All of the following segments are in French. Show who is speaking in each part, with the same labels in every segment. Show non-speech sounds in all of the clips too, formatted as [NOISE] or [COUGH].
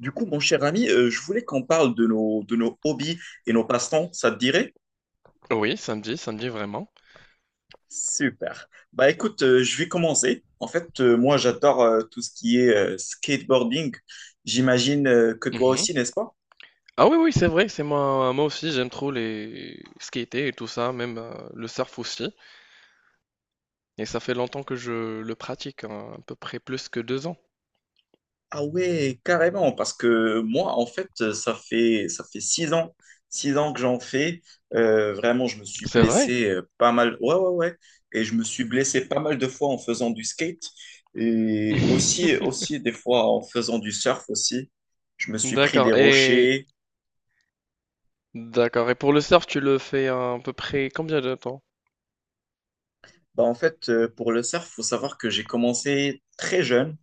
Speaker 1: Du coup, mon cher ami, je voulais qu'on parle de nos hobbies et nos passe-temps, ça te dirait?
Speaker 2: Oui, samedi, samedi vraiment.
Speaker 1: Super. Bah écoute, je vais commencer. En fait, moi, j'adore tout ce qui est skateboarding. J'imagine que toi
Speaker 2: Mmh.
Speaker 1: aussi, n'est-ce pas?
Speaker 2: Ah oui, oui, c'est vrai, c'est moi aussi, j'aime trop les skater et tout ça, même, le surf aussi, et ça fait longtemps que je le pratique, hein, à peu près plus que 2 ans.
Speaker 1: Ah ouais, carrément, parce que moi, en fait, ça fait six ans que j'en fais. Vraiment, je me suis
Speaker 2: C'est vrai?
Speaker 1: blessé pas mal. Ouais, ouais, ouais. Et je me suis blessé pas mal de fois en faisant du skate et aussi,
Speaker 2: [LAUGHS]
Speaker 1: aussi des fois en faisant du surf aussi. Je me suis pris des
Speaker 2: D'accord et
Speaker 1: rochers.
Speaker 2: d'accord, et pour le surf, tu le fais à peu près combien de temps?
Speaker 1: Bah, en fait, pour le surf, faut savoir que j'ai commencé très jeune.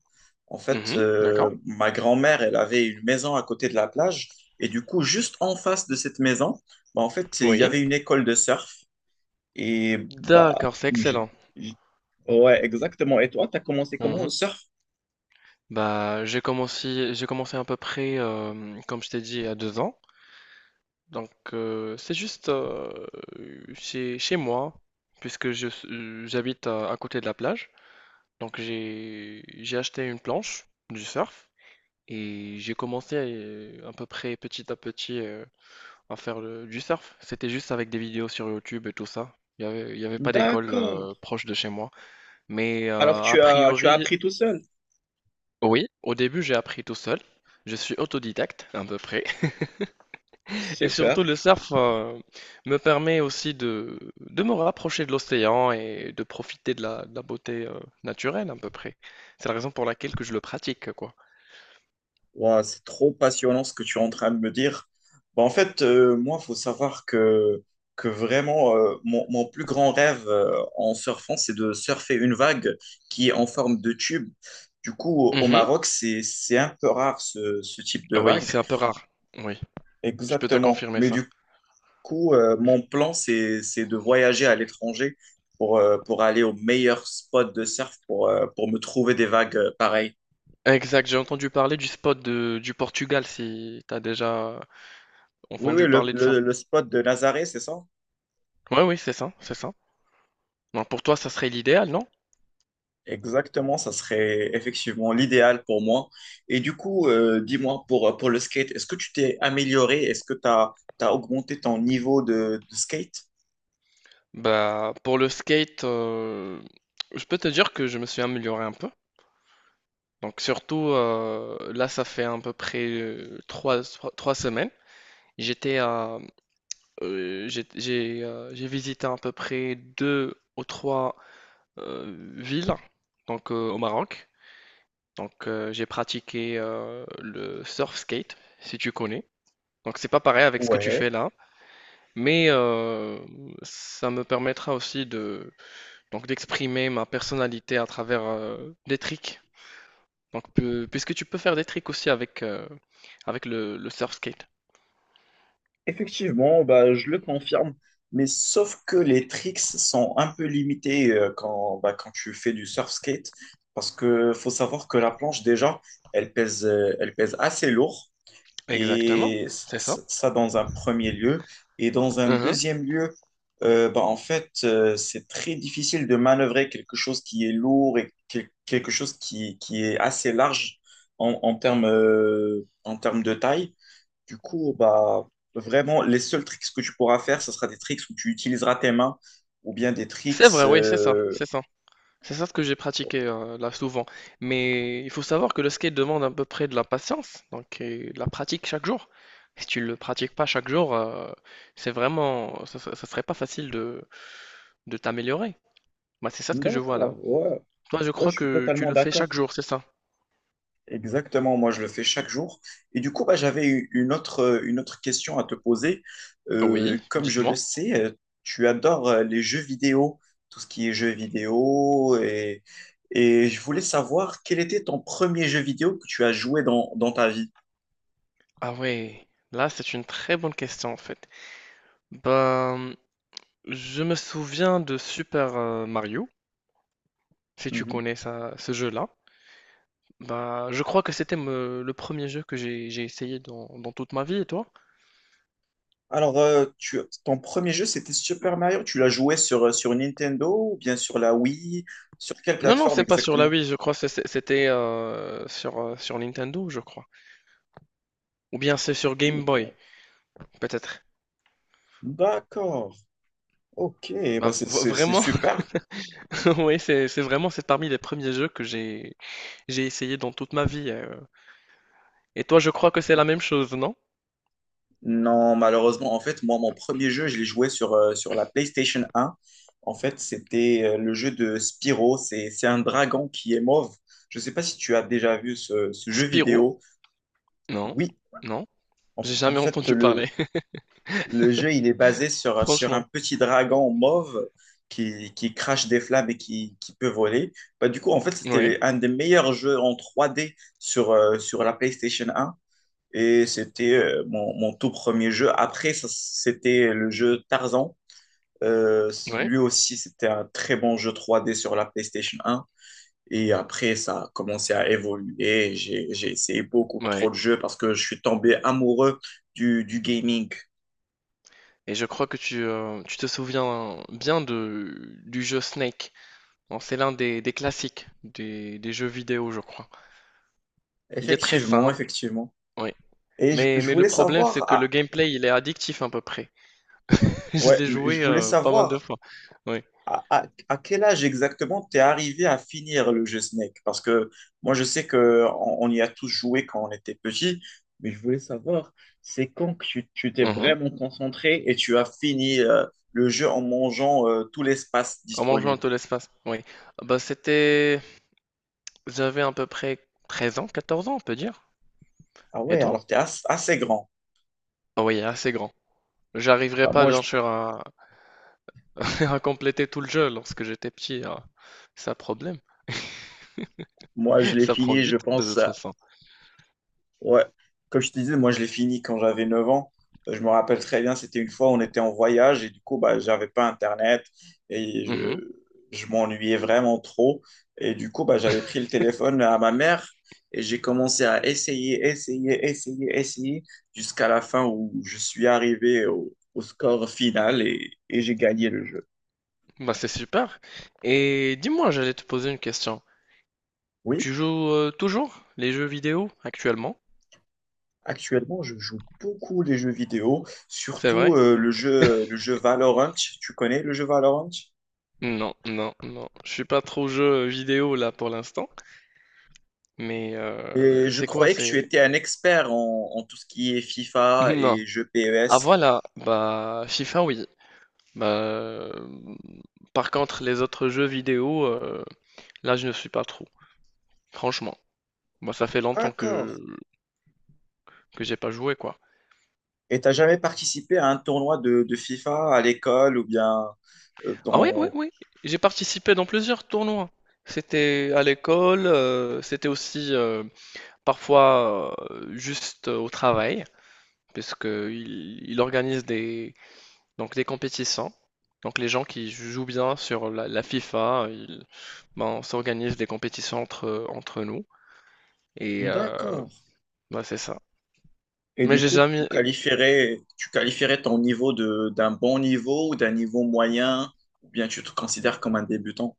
Speaker 1: En fait,
Speaker 2: Mmh, d'accord.
Speaker 1: ma grand-mère, elle avait une maison à côté de la plage. Et du coup, juste en face de cette maison, bah, en fait, il y
Speaker 2: Oui.
Speaker 1: avait une école de surf. Et bah,
Speaker 2: D'accord, c'est
Speaker 1: j'ai-
Speaker 2: excellent.
Speaker 1: j'ai- ouais, exactement. Et toi, tu as commencé comment le
Speaker 2: Mmh.
Speaker 1: surf?
Speaker 2: Bah, j'ai commencé à peu près, comme je t'ai dit, à 2 ans. Donc, c'est juste chez moi, puisque j'habite à côté de la plage. Donc, j'ai acheté une planche du surf et j'ai commencé à peu près petit à petit, à faire du surf. C'était juste avec des vidéos sur YouTube et tout ça. Il y avait pas d'école
Speaker 1: D'accord.
Speaker 2: proche de chez moi. Mais
Speaker 1: Alors,
Speaker 2: a
Speaker 1: tu as
Speaker 2: priori,
Speaker 1: appris tout seul.
Speaker 2: oui, au début, j'ai appris tout seul. Je suis autodidacte, à peu près. Et surtout,
Speaker 1: Super.
Speaker 2: le surf me permet aussi de me rapprocher de l'océan et de profiter de de la beauté naturelle à peu près. C'est la raison pour laquelle que je le pratique, quoi.
Speaker 1: Ouah, c'est trop passionnant ce que tu es en train de me dire. Bah, en fait, moi, il faut savoir que vraiment, mon plus grand rêve en surfant, c'est de surfer une vague qui est en forme de tube. Du coup, au
Speaker 2: Mhm.
Speaker 1: Maroc, c'est un peu rare ce type de
Speaker 2: Ah oui,
Speaker 1: vague.
Speaker 2: c'est un peu rare. Oui, je peux te
Speaker 1: Exactement.
Speaker 2: confirmer
Speaker 1: Mais
Speaker 2: ça.
Speaker 1: du coup, mon plan, c'est de voyager à l'étranger pour aller au meilleur spot de surf pour me trouver des vagues pareilles.
Speaker 2: Exact, j'ai entendu parler du spot du Portugal, si t'as déjà
Speaker 1: Oui, oui,
Speaker 2: entendu
Speaker 1: le,
Speaker 2: parler de ça.
Speaker 1: le, le spot de Nazaré, c'est ça?
Speaker 2: Oui, oui, c'est ça, c'est ça. Non, pour toi, ça serait l'idéal, non?
Speaker 1: Exactement, ça serait effectivement l'idéal pour moi. Et du coup, dis-moi, pour le skate, est-ce que tu t'es amélioré? Est-ce que tu as, augmenté ton niveau de skate?
Speaker 2: Bah, pour le skate, je peux te dire que je me suis amélioré un peu. Donc surtout, là, ça fait à peu près trois semaines. J'étais à, j'ai visité à peu près deux ou trois villes donc, au Maroc. Donc j'ai pratiqué le surf skate, si tu connais. Donc c'est pas pareil avec ce que tu fais
Speaker 1: Ouais,
Speaker 2: là, mais ça me permettra aussi de d'exprimer ma personnalité à travers des tricks. Donc, puisque tu peux faire des tricks aussi avec le surf skate.
Speaker 1: effectivement, bah, je le confirme. Mais sauf que les tricks sont un peu limités bah, quand tu fais du surf skate, parce que faut savoir que la planche, déjà, elle pèse assez lourd.
Speaker 2: Exactement,
Speaker 1: Et
Speaker 2: c'est ça.
Speaker 1: ça, dans un premier lieu. Et dans un
Speaker 2: Mhm.
Speaker 1: deuxième lieu, bah, en fait, c'est très difficile de manœuvrer quelque chose qui est lourd et quelque chose qui est assez large en termes de taille. Du coup, bah, vraiment, les seuls tricks que tu pourras faire, ce sera des tricks où tu utiliseras tes mains ou bien des tricks...
Speaker 2: C'est vrai, oui, c'est ça,
Speaker 1: euh,
Speaker 2: c'est ça. C'est ça ce que j'ai pratiqué là souvent. Mais il faut savoir que le skate demande à peu près de la patience, donc, et de la pratique chaque jour. Si tu le pratiques pas chaque jour, c'est vraiment, ça serait pas facile de t'améliorer. Bah, c'est ça ce que je vois là.
Speaker 1: D'accord, ouais,
Speaker 2: Toi, je
Speaker 1: ouais,
Speaker 2: crois
Speaker 1: je suis
Speaker 2: que tu
Speaker 1: totalement
Speaker 2: le fais chaque
Speaker 1: d'accord.
Speaker 2: jour, c'est ça?
Speaker 1: Exactement, moi je le fais chaque jour. Et du coup, bah, j'avais eu une autre question à te poser. Euh,
Speaker 2: Oui,
Speaker 1: comme je le
Speaker 2: dites-moi.
Speaker 1: sais, tu adores les jeux vidéo, tout ce qui est jeux vidéo. Et je voulais savoir quel était ton premier jeu vidéo que tu as joué dans ta vie.
Speaker 2: Ah ouais, là c'est une très bonne question en fait. Ben, je me souviens de Super Mario, si tu
Speaker 1: Mhm.
Speaker 2: connais ça, ce jeu-là. Bah, je crois que c'était le premier jeu que j'ai essayé dans toute ma vie, et toi?
Speaker 1: Alors, ton premier jeu, c'était Super Mario. Tu l'as joué sur Nintendo ou bien sur la Wii? Sur quelle
Speaker 2: Non, non,
Speaker 1: plateforme
Speaker 2: c'est pas sur la
Speaker 1: exactement?
Speaker 2: Wii, je crois que c'était sur Nintendo, je crois. Ou bien c'est sur Game Boy,
Speaker 1: Super.
Speaker 2: peut-être.
Speaker 1: D'accord, ok,
Speaker 2: Bah,
Speaker 1: bah c'est c'est- c'est
Speaker 2: vraiment,
Speaker 1: super.
Speaker 2: [LAUGHS] oui, c'est vraiment, c'est parmi les premiers jeux que j'ai essayé dans toute ma vie. Et toi, je crois que c'est la même chose, non?
Speaker 1: Non, malheureusement, en fait, moi, mon premier jeu, je l'ai joué sur la PlayStation 1. En fait, c'était le jeu de Spyro. C'est un dragon qui est mauve. Je ne sais pas si tu as déjà vu ce jeu
Speaker 2: Spirou?
Speaker 1: vidéo.
Speaker 2: Non,
Speaker 1: Oui,
Speaker 2: non, j'ai
Speaker 1: en
Speaker 2: jamais
Speaker 1: fait,
Speaker 2: entendu
Speaker 1: le,
Speaker 2: parler, [LAUGHS]
Speaker 1: le jeu, il est basé sur un
Speaker 2: franchement.
Speaker 1: petit dragon mauve qui crache des flammes et qui peut voler. Bah, du coup, en fait,
Speaker 2: Oui,
Speaker 1: c'était un des meilleurs jeux en 3D sur la PlayStation 1. Et c'était mon tout premier jeu. Après, ça, c'était le jeu Tarzan. Euh,
Speaker 2: oui,
Speaker 1: lui aussi, c'était un très bon jeu 3D sur la PlayStation 1. Et après, ça a commencé à évoluer. J'ai essayé beaucoup
Speaker 2: oui.
Speaker 1: trop de jeux parce que je suis tombé amoureux du gaming.
Speaker 2: Et je crois que tu te souviens bien du jeu Snake. Bon, c'est l'un des classiques des jeux vidéo, je crois. Il est très
Speaker 1: Effectivement,
Speaker 2: simple,
Speaker 1: effectivement.
Speaker 2: oui.
Speaker 1: Et je, je
Speaker 2: Mais le
Speaker 1: voulais
Speaker 2: problème, c'est
Speaker 1: savoir,
Speaker 2: que le
Speaker 1: ah,
Speaker 2: gameplay, il est addictif à peu près. [LAUGHS] Je
Speaker 1: ouais,
Speaker 2: l'ai
Speaker 1: mais je
Speaker 2: joué
Speaker 1: voulais
Speaker 2: pas mal de
Speaker 1: savoir
Speaker 2: fois. Oui.
Speaker 1: à quel âge exactement t'es arrivé à finir le jeu Snake? Parce que moi, je sais que on y a tous joué quand on était petit, mais je voulais savoir, c'est quand que tu t'es
Speaker 2: Mhm.
Speaker 1: vraiment concentré et tu as fini le jeu en mangeant tout l'espace
Speaker 2: En mangeant
Speaker 1: disponible?
Speaker 2: tout l'espace. Oui. Ah bah, c'était... J'avais à peu près 13 ans, 14 ans, on peut dire.
Speaker 1: Ah
Speaker 2: Et
Speaker 1: ouais, alors
Speaker 2: toi?
Speaker 1: t'es assez grand.
Speaker 2: Ah oui, assez grand. J'arriverai
Speaker 1: Bah
Speaker 2: pas,
Speaker 1: moi, je,
Speaker 2: bien sûr, à, [LAUGHS] à compléter tout le jeu lorsque j'étais petit, hein. C'est un problème.
Speaker 1: moi, je l'ai
Speaker 2: Ça prend
Speaker 1: fini,
Speaker 2: du
Speaker 1: je
Speaker 2: temps de
Speaker 1: pense.
Speaker 2: toute façon.
Speaker 1: Ouais, comme je te disais, moi je l'ai fini quand j'avais 9 ans. Je me rappelle très bien, c'était une fois, on était en voyage et du coup, bah, j'avais pas Internet et
Speaker 2: Mmh.
Speaker 1: je m'ennuyais vraiment trop. Et du coup, bah, j'avais pris le téléphone à ma mère et j'ai commencé à essayer, essayer, essayer, essayer jusqu'à la fin où je suis arrivé au score final et j'ai gagné le jeu.
Speaker 2: Bah, c'est super, et dis-moi, j'allais te poser une question.
Speaker 1: Oui,
Speaker 2: Tu joues, toujours les jeux vidéo actuellement?
Speaker 1: actuellement, je joue beaucoup les jeux vidéo,
Speaker 2: C'est
Speaker 1: surtout
Speaker 2: vrai?
Speaker 1: le jeu Valorant. Tu connais le jeu Valorant?
Speaker 2: Non, non, non, je suis pas trop jeu vidéo là pour l'instant, mais
Speaker 1: Et je
Speaker 2: c'est quoi?
Speaker 1: croyais que tu
Speaker 2: C'est
Speaker 1: étais un expert en tout ce qui est
Speaker 2: [LAUGHS]
Speaker 1: FIFA
Speaker 2: non.
Speaker 1: et jeux
Speaker 2: Ah
Speaker 1: PES.
Speaker 2: voilà, bah, FIFA oui. Bah, hem, par contre les autres jeux vidéo, là je ne suis pas trop, franchement. Bah, ça fait longtemps
Speaker 1: D'accord.
Speaker 2: que j'ai pas joué quoi.
Speaker 1: Et t'as jamais participé à un tournoi de FIFA à l'école ou bien euh,
Speaker 2: Ah oui, oui,
Speaker 1: dans...
Speaker 2: oui. J'ai participé dans plusieurs tournois. C'était à l'école, c'était aussi parfois juste au travail, puisque que il organise donc des compétitions. Donc les gens qui jouent bien sur la FIFA, ben, on s'organise des compétitions entre nous. Et
Speaker 1: D'accord.
Speaker 2: ben, c'est ça.
Speaker 1: Et
Speaker 2: Mais
Speaker 1: du
Speaker 2: j'ai
Speaker 1: coup, tu
Speaker 2: jamais...
Speaker 1: qualifierais, tu qualifierais ton niveau d'un bon niveau ou d'un niveau moyen, ou bien tu te considères comme un débutant.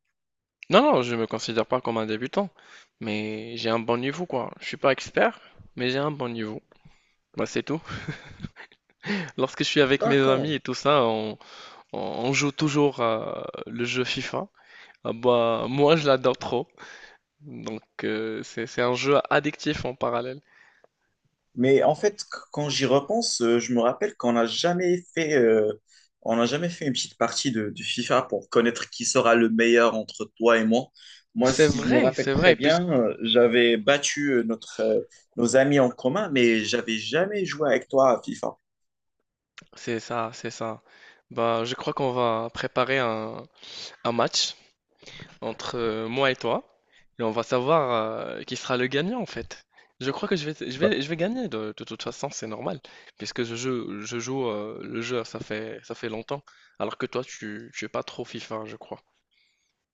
Speaker 2: Non, non, je me considère pas comme un débutant, mais j'ai un bon niveau, quoi. Je suis pas expert, mais j'ai un bon niveau. Bah, c'est tout. Lorsque je suis avec mes
Speaker 1: D'accord.
Speaker 2: amis et tout ça, on, on joue toujours à le jeu FIFA. Ah bah, moi, je l'adore trop. Donc, c'est un jeu addictif en parallèle.
Speaker 1: Mais en fait, quand j'y repense, je me rappelle qu'on n'a jamais fait une petite partie de FIFA pour connaître qui sera le meilleur entre toi et moi. Moi, si je me rappelle
Speaker 2: C'est
Speaker 1: très
Speaker 2: vrai, puisque
Speaker 1: bien, j'avais battu nos amis en commun, mais j'avais jamais joué avec toi à FIFA.
Speaker 2: c'est ça, c'est ça. Bah, je crois qu'on va préparer un match entre moi et toi, et on va savoir qui sera le gagnant en fait. Je crois que
Speaker 1: Bah,
Speaker 2: je vais gagner de toute façon, c'est normal, puisque je joue le jeu, ça fait longtemps, alors que toi, tu es pas trop FIFA, je crois.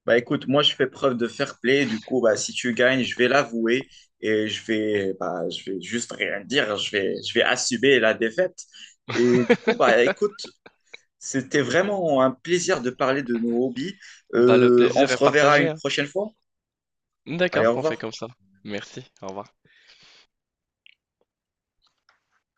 Speaker 1: bah, écoute, moi, je fais preuve de fair play. Du coup, bah, si tu gagnes, je vais l'avouer et je vais juste rien dire. Je vais assumer la défaite. Et du coup, bah, écoute. C'était vraiment un plaisir de parler de nos hobbies.
Speaker 2: Bah, le
Speaker 1: On
Speaker 2: plaisir
Speaker 1: se
Speaker 2: est
Speaker 1: reverra
Speaker 2: partagé,
Speaker 1: une
Speaker 2: hein.
Speaker 1: prochaine fois. Allez,
Speaker 2: D'accord,
Speaker 1: au
Speaker 2: on fait
Speaker 1: revoir.
Speaker 2: comme ça. Merci, au revoir.